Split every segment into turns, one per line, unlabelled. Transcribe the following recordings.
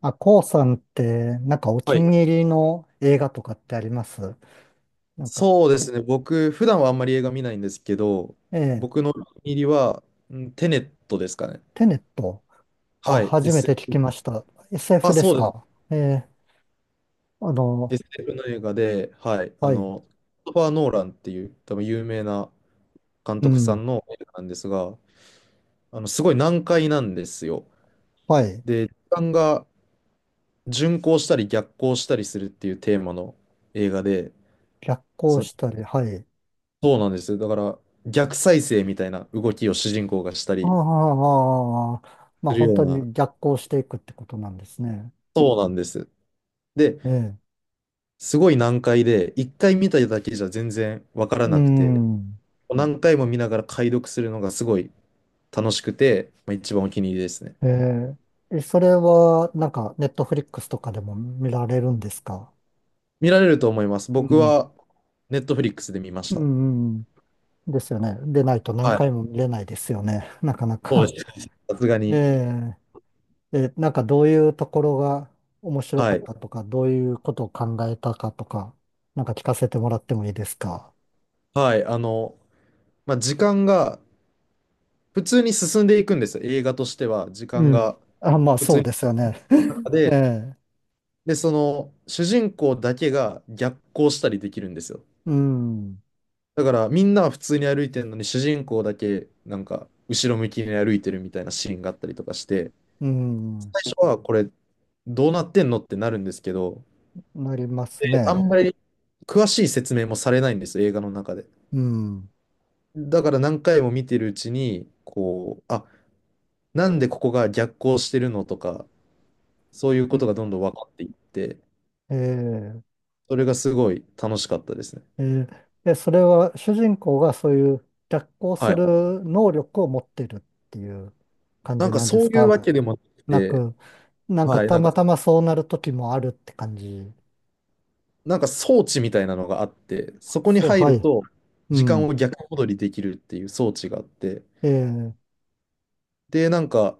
あ、こうさんって、なんかお
は
気
い。
に入りの映画とかってあります？なんか、
そうですね。僕、普段はあんまり映画見ないんですけど、
ええ、
僕のお気に入りは、うんテネットですかね。
テネット。あ、
はい。
初めて聞
SF、
きました。SF
あ、
です
そうです。
か？ええ、あの、
SF の映画で、はい。
はい、
クリストファー・ノーランっていう、多分有名な監
う
督さ
ん、
んの映画なんですが、すごい難解なんですよ。
はい。
で、時間が順行したり逆行したりするっていうテーマの映画で、
逆行
その、
したり、はい。
そうなんですよ。だから、逆再生みたいな動きを主人公がした
あ
り
あ、まあ
する
本
よう
当
な、
に逆行していくってことなんですね。
そうなんです。で、
ええ、
すごい難解で、一回見ただけじゃ全然わから
う
なくて、
ん、
何回も見ながら解読するのがすごい楽しくて、まあ、一番お気に入りですね。
ええ、それはなんかネットフリックスとかでも見られるんですか？
見られると思います。
う
僕
ん、
は、ネットフリックスで見まし
う
た。
ん、ですよね。でないと何
は
回
い。
も見れないですよね。なかな
そう
か。
ですね。さすがに。
えええ、なんかどういうところが面白
は
かっ
い。
たとか、どういうことを考えたかとか、なんか聞かせてもらってもいいですか。
はい。まあ、時間が普通に進んでいくんですよ。映画としては、時
う
間
ん。
が
あ、まあ
普
そ
通
う
に
ですよね。
中
え
で、
え、
で、主人公だけが逆行したりできるんですよ。
うん、
だからみんなは普通に歩いてるのに主人公だけなんか後ろ向きに歩いてるみたいなシーンがあったりとかして、
うん、
最初はこれどうなってんのってなるんですけど、
なります
あん
ね。
まり詳しい説明もされないんですよ、映画の中で。
うん。
だから何回も見てるうちに、こう、あ、なんでここが逆行してるのとか、そういうことがどんどん分かっていって、
ええ、
それがすごい楽しかったですね。
ええ、でそれは主人公がそういう逆行す
はい。
る能力を持ってるっていう感
なん
じ
か
なんで
そう
す
いうわ
か？
けでもなく
な
て、
く、なんか
はいな
た
んか、
またまそうなる時もあるって感じ。
なんか装置みたいなのがあって、そこに
そう、
入
は
る
い。
と
う
時間
ん。
を逆戻りできるっていう装置があって、
ええ、
で、なんか、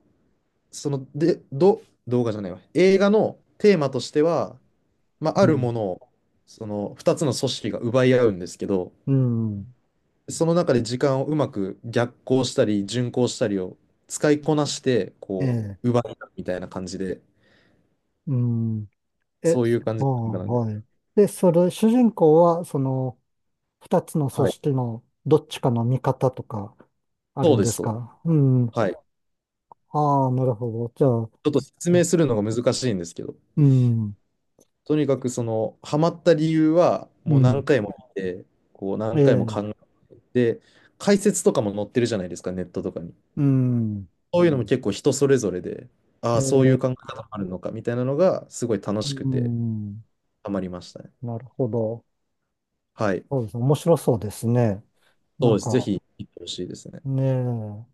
その、で、ど、動画じゃないわ。映画のテーマとしては、まあ、あ
う
るも
ん。
のを、その2つの組織が奪い合うんですけど、
うん。
その中で時間をうまく逆行したり、順行したりを使いこなして、
え
こ
え、
う、奪い合うみたいな感じで、
うん。え、
そういう感
あ
じ
あ、
の映画なんで。
はい。で、それ、主人公は、二つの
は
組
い。
織のどっちかの味方とか、あ
そ
る
う
ん
で
で
す、
す
そうです。
か？うん。
はい。ち
ああ、なるほど。じ
ょっと
ゃ
説明
あ、
するのが難しいんですけど。
うん。
とにかくそのハマった理由は
う
もう何
ん。
回も見て、こう
え
何回も
え、
考えて、解説とかも載ってるじゃないですか、ネットとかに。
うん。
そういうのも結構人それぞれで、あ
え
あ、そうい
え、
う考え方もあるのかみたいなのがすごい楽
う
しくて
ん。
ハマりましたね。
なるほど。
はい。
そうですね。面白そうですね。な
そう
ん
です。ぜ
か、
ひ行ってほしいですね。
ねえ、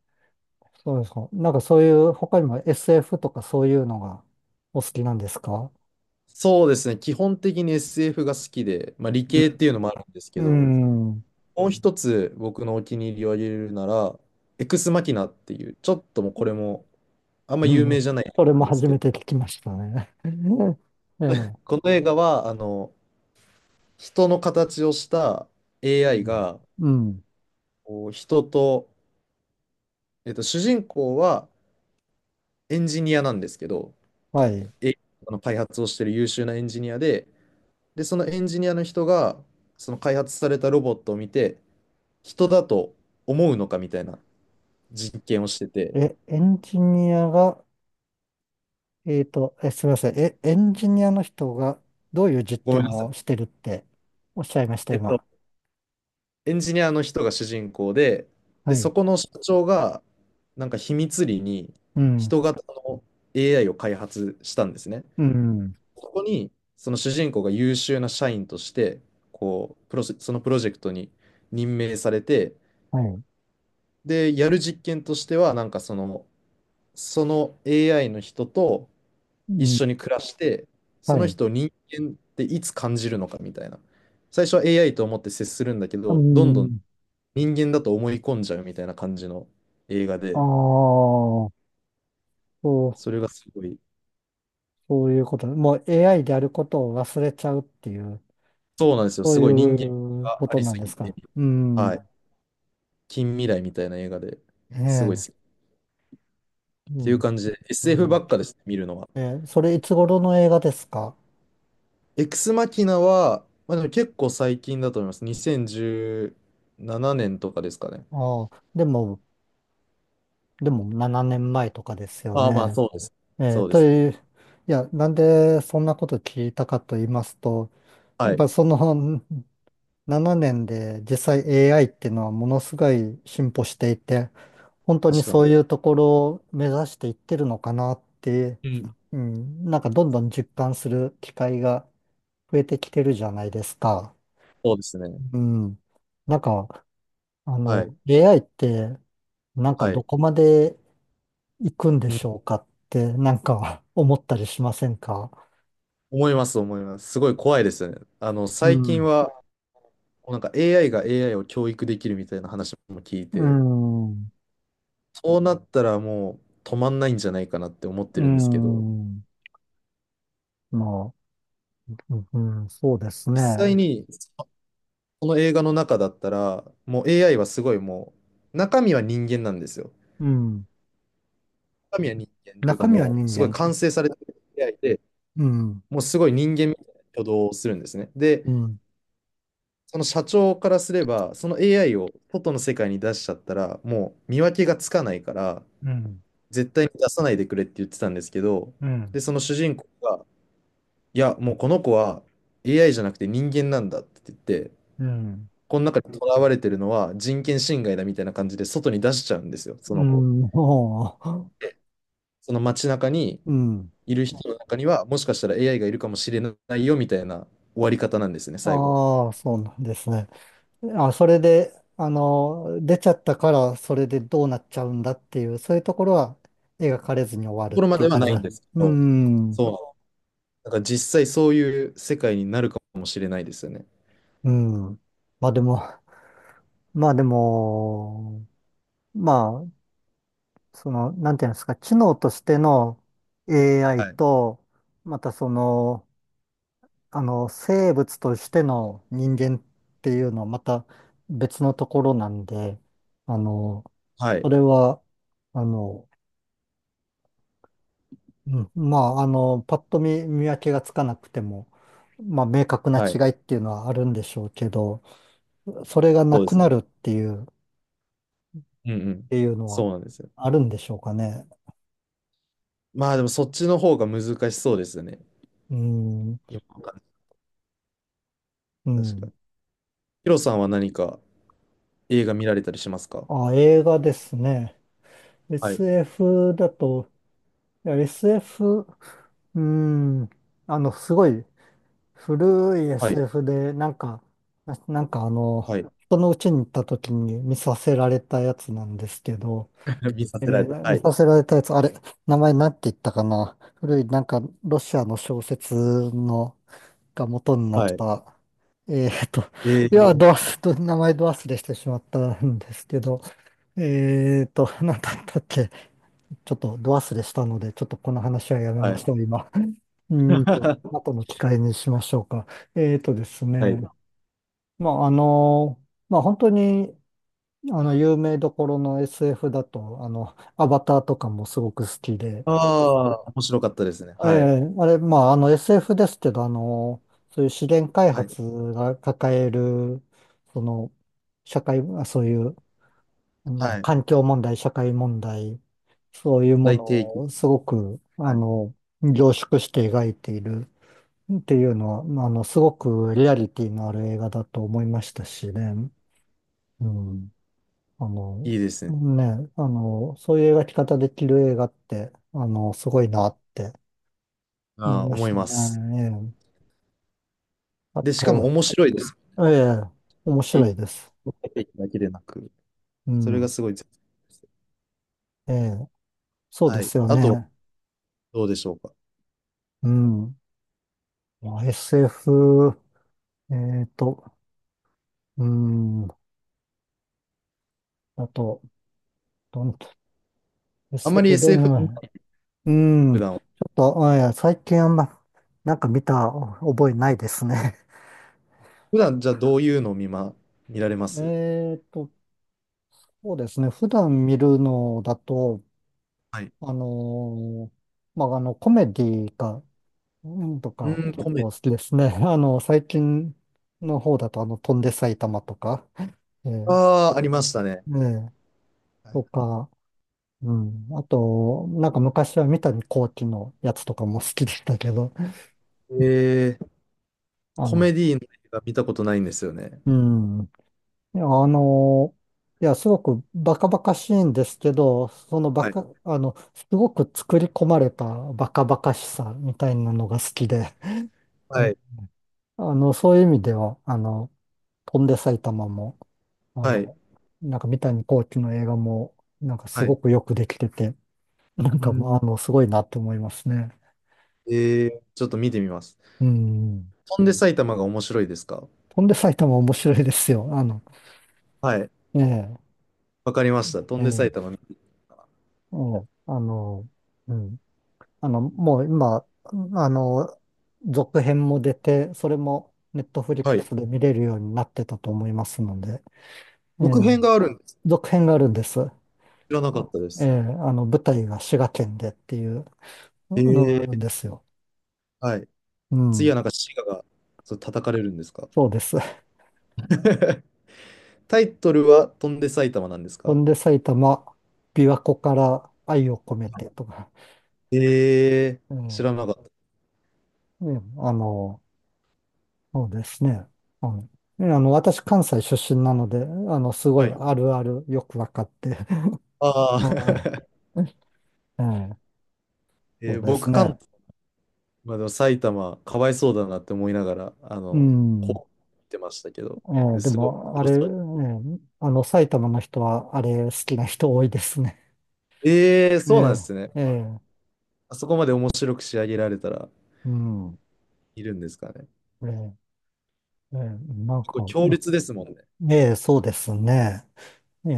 そうですか。なんかそういう、他にも SF とかそういうのがお好きなんですか？
そうですね。基本的に SF が好きで、まあ、理
う
系っ
ん。
ていうのもあるんですけど、
うん。
もう一つ僕のお気に入りを挙げるなら、エクスマキナっていう、ちょっともうこれもあんま
う
有
ん
名じゃない
それも
んです
初
け
め
ど、
て聞きましたね。ええ。
この映画は、人の形をした
う
AI
ん。
が、
うん。
こう人と、主人公はエンジニアなんですけど、
はい。
え i の開発をしている優秀なエンジニアで、で、そのエンジニアの人が、その開発されたロボットを見て、人だと思うのかみたいな実験をしてて、
え、エンジニアが、すみません。え、エンジニアの人がどういう実
ごめんな
験
さ
をし
い。
てるっておっしゃいました、
えっと、
今。
エンジニアの人が主人公で、で、
はい。
そこの社長が、なんか秘密裏に
うん。
人型の AI を開発したんですね。
うん。
そこに、その主人公が優秀な社員として、こう、プロジェそのプロジェクトに任命されて、
はい。
で、やる実験としては、なんかその、その AI の人と
う
一
ん。
緒に暮らして、そ
は
の
い。
人を人間っていつ感じるのかみたいな。最初は AI と思って接するんだけ
う
ど、どんどん
ん。
人間だと思い込んじゃうみたいな感じの映画
ああ、
で、
そう
それがすごい、
そういうこと、もう AI であることを忘れちゃうっていう、
そうなんですよ。
そう
すごい人間
いう
が
こ
あ
と
り
なん
す
で
ぎ
す
て、
か。う
は
ん。
い。近未来みたいな映画で
え
すごい好
え。
きっ
う
ていう
ん。
感じで、
う
SF ば
ん。
っかです、見るのは。
ええ、それいつ頃の映画ですか？
エクスマキナは、まあ、でも結構最近だと思います。2017年とかですかね。
ああ、でも、7年前とかですよ
ああ、まあ
ね。
そうです。
ええ、
そうで
と
すね。
いう、いや、なんでそんなこと聞いたかと言いますと、や
は
っ
い。
ぱその7年 で実際 AI っていうのはものすごい進歩していて、本当に
確か
そ
に。
ういうところを目指していってるのかなって、
うん。
うん、なんかどんどん実感する機会が増えてきてるじゃないですか。
そうですね。
うん。なんか、
はい。
AI って、なんか
は
ど
い。
こまで行くんで
うん。
しょうかって、なんか 思ったりしませんか？
思います、思います。すごい怖いですよね。
う
最近
ん。
は、なんか AI が AI を教育できるみたいな話も聞い
う
て、
ん。
そうなったらもう止まんないんじゃないかなって思っ
う
てるんですけど、
ん。まあ、うん、そうです
実際
ね。
にこの映画の中だったら、もう AI はすごい中身は人間なんですよ。
うん。
中身は人間っていうか
中身は
もう、
人
すごい
間。
完成されてる AI で、
うん。
もうすごい人間みたいな挙動をするんですね。で、
うん。
その社長からすれば、その AI を外の世界に出しちゃったら、もう見分けがつかないから、
うん。
絶対に出さないでくれって言ってたんですけど、
うん。
で、その主人公が、いや、もうこの子は AI じゃなくて人間なんだって言って、
うん。
この中に囚われてるのは人権侵害だみたいな感じで外に出しちゃうんですよ、そ
う
の子。
ん、も
で、その街中に
う、うん。
いる人の中には、もしかしたら AI がいるかもしれないよみたいな終わり方なんですね、最後。
ああ、そうなんですね。あ、それで、出ちゃったから、それでどうなっちゃうんだっていう、そういうところは描かれずに終わ
とこ
るっ
ろま
てい
で
う
は
感
な
じ
いん
だ。
ですけ
う
ど、
ん、
そう。だから実際そういう世界になるかもしれないですよね。
うん。まあでも、まあでも、まあ、なんていうんですか、知能としての AI
はい。
と、またその、あの、生物としての人間っていうのはまた別のところなんで、あの、
は
そ
い。
れは、あの、うん、パッと見、見分けがつかなくても、まあ、明確な
は
違
い。
いっていうのはあるんでしょうけど、それがな
そうで
く
す
な
ね。
るっていう、っ
うんうん。
ていうのは
そうなんですよ。
あるんでしょうかね。
まあでもそっちの方が難しそうですよね。
うん、
今わかんな
う
い確か
ん。
に。ヒロさんは何か映画見られたりしますか？
あ、映画ですね。
はい。
SF だと、いや SF、うん、あの、すごい、古い
はい。
SF で、ななんかあの、
はい。
人の家に行った時に見させられたやつなんですけど、
見させられた。は
見
い。
させられたやつ、あれ、名前なんて言ったかな古い、なんか、ロシアの小説の、が元になっ
はい。
た、えーっと、
え
いや、
ー、
ドアス、名前ドアスでしてしまったんですけど、なんだったっけちょっとド忘れしたので、ちょっとこの話はやめ
は
ま
い。
しょう、今。うーんと、後の機会にしましょうか。えーとです
はい。
ね、まあ、あの、まあ、本当に、有名どころの SF だと、アバターとかもすごく好きで、
ああ、面白かったですね。
え
はい。
えあれ、SF ですけど、そういう資源開
はい。
発が抱える、その、社会、あそういうなんか
はい。
環境問題、社会問題、そういうも
大提
の
起。
をすごく、
はい。
凝縮して描いているっていうのは、すごくリアリティのある映画だと思いましたしね。うん。あ
い
の、
いですね。
そういう描き方できる映画って、すごいなって思
あ
い
あ、
まし
思い
た
ます。
ね。ええあ
で、しかも
と、
面白いです。
ええ、面
え
白いです。
だけでなく、
う
それが
ん。
すごい絶妙です。
ええ、そう
は
で
い。
すよ
あと、
ね。
どうでしょうか。
うん。まあ SF、えっと、うん。あと、どん、
あんまり
SF どん
SF は見な
な、
い
うん。
普
ちょ
段は、
っと、あいや、最近あんま、なんか見た覚えないですね。
普段じゃあどういうのを見られま す？
えっと、そうですね。普段見るのだと、
はい。
あのーまあ、コメディが、うんと
う
か
ーん、
結
コメデ
構好きですね。最近の方だと、飛んで埼玉とか、え
ィ。
ー
ああ、ありましたね。
ね
はい、
とか、うん。あと、なんか昔は三谷幸喜のやつとかも好きでしたけど、
えー、
あ
コ
の、
メディの映画見たことないんですよね。
うん。あの、いや、すごくバカバカしいんですけど、そのバ
はい。
カ、あの、すごく作り込まれたバカバカしさみたいなのが好きで、
は
え
い。
そういう意味では、飛んで埼玉も、あ
はい。
の、なんか三谷幸喜の映画も、なんかす
はい。
ご
う
くよくできてて、なん
ー
かもう、
ん、
あの、すごいなって思いますね。
えー、ちょっと見てみます。
うん。
飛んで埼玉が面白いですか？
飛んで埼玉面白いですよ。
はい。
ええ、
わかりました。飛
ええ、え
んで埼玉。
えあの、うん。あの、もう今、あの、続編も出て、それもネットフリ
は
ック
い。
スで見れるようになってたと思いますので、ええ、
続編があるんです。
続編があるんです。
知らなかったで
ええ、
す。
舞台が滋賀県でっていうのがあ
え
るん
え、
ですよ。
はい。
う
次
ん、
はなんか滋賀が、そう、叩かれるんですか？
そうです。
タイトルは飛んで埼玉なんです
ほ
か？
んで埼玉、琵琶湖から愛を込めてとか、
ええ、
ええ、
知
ね
らなかった。
あの、そうですね。はい私、関西出身なので、すご
は
いあ
い。
るあるよくわかって、
ああ
うんええ、そ
え
う
ー
です
僕、
ね。
関東、まあ、でも埼玉、かわいそうだなって思いながら、
うん。
こう言ってましたけど、
ええ、で
すごい
も、あ
面白
れ、え
そう。
え、埼玉の人は、あれ、好きな人多いですね。
ええ、
え
そうなんで
え、
すね。
ええ、
あそこまで面白く仕上げられたら
うん。
いるんですかね。
ええ、ええ、
構強
うん
烈ですもんね。
ええ、そうですね。ええ、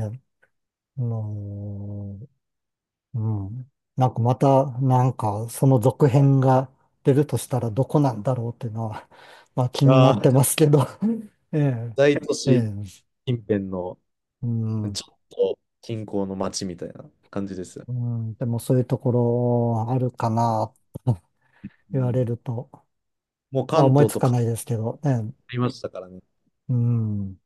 あのーうん。なんかまた、なんか、その続編が出るとしたらどこなんだろうっていうのは、まあ気にな
あ
っ
あ、
てますけど。ええ、
大都
え
市
え、
近辺の
うん。
ちょっと近郊の町みたいな感じですよ。
うん、でもそういうところあるかな
う
言われる
ん、
と、
もう
まあ
関
思い
東
つ
と
か
変わ
ないですけどね。
りましたからね。
うん。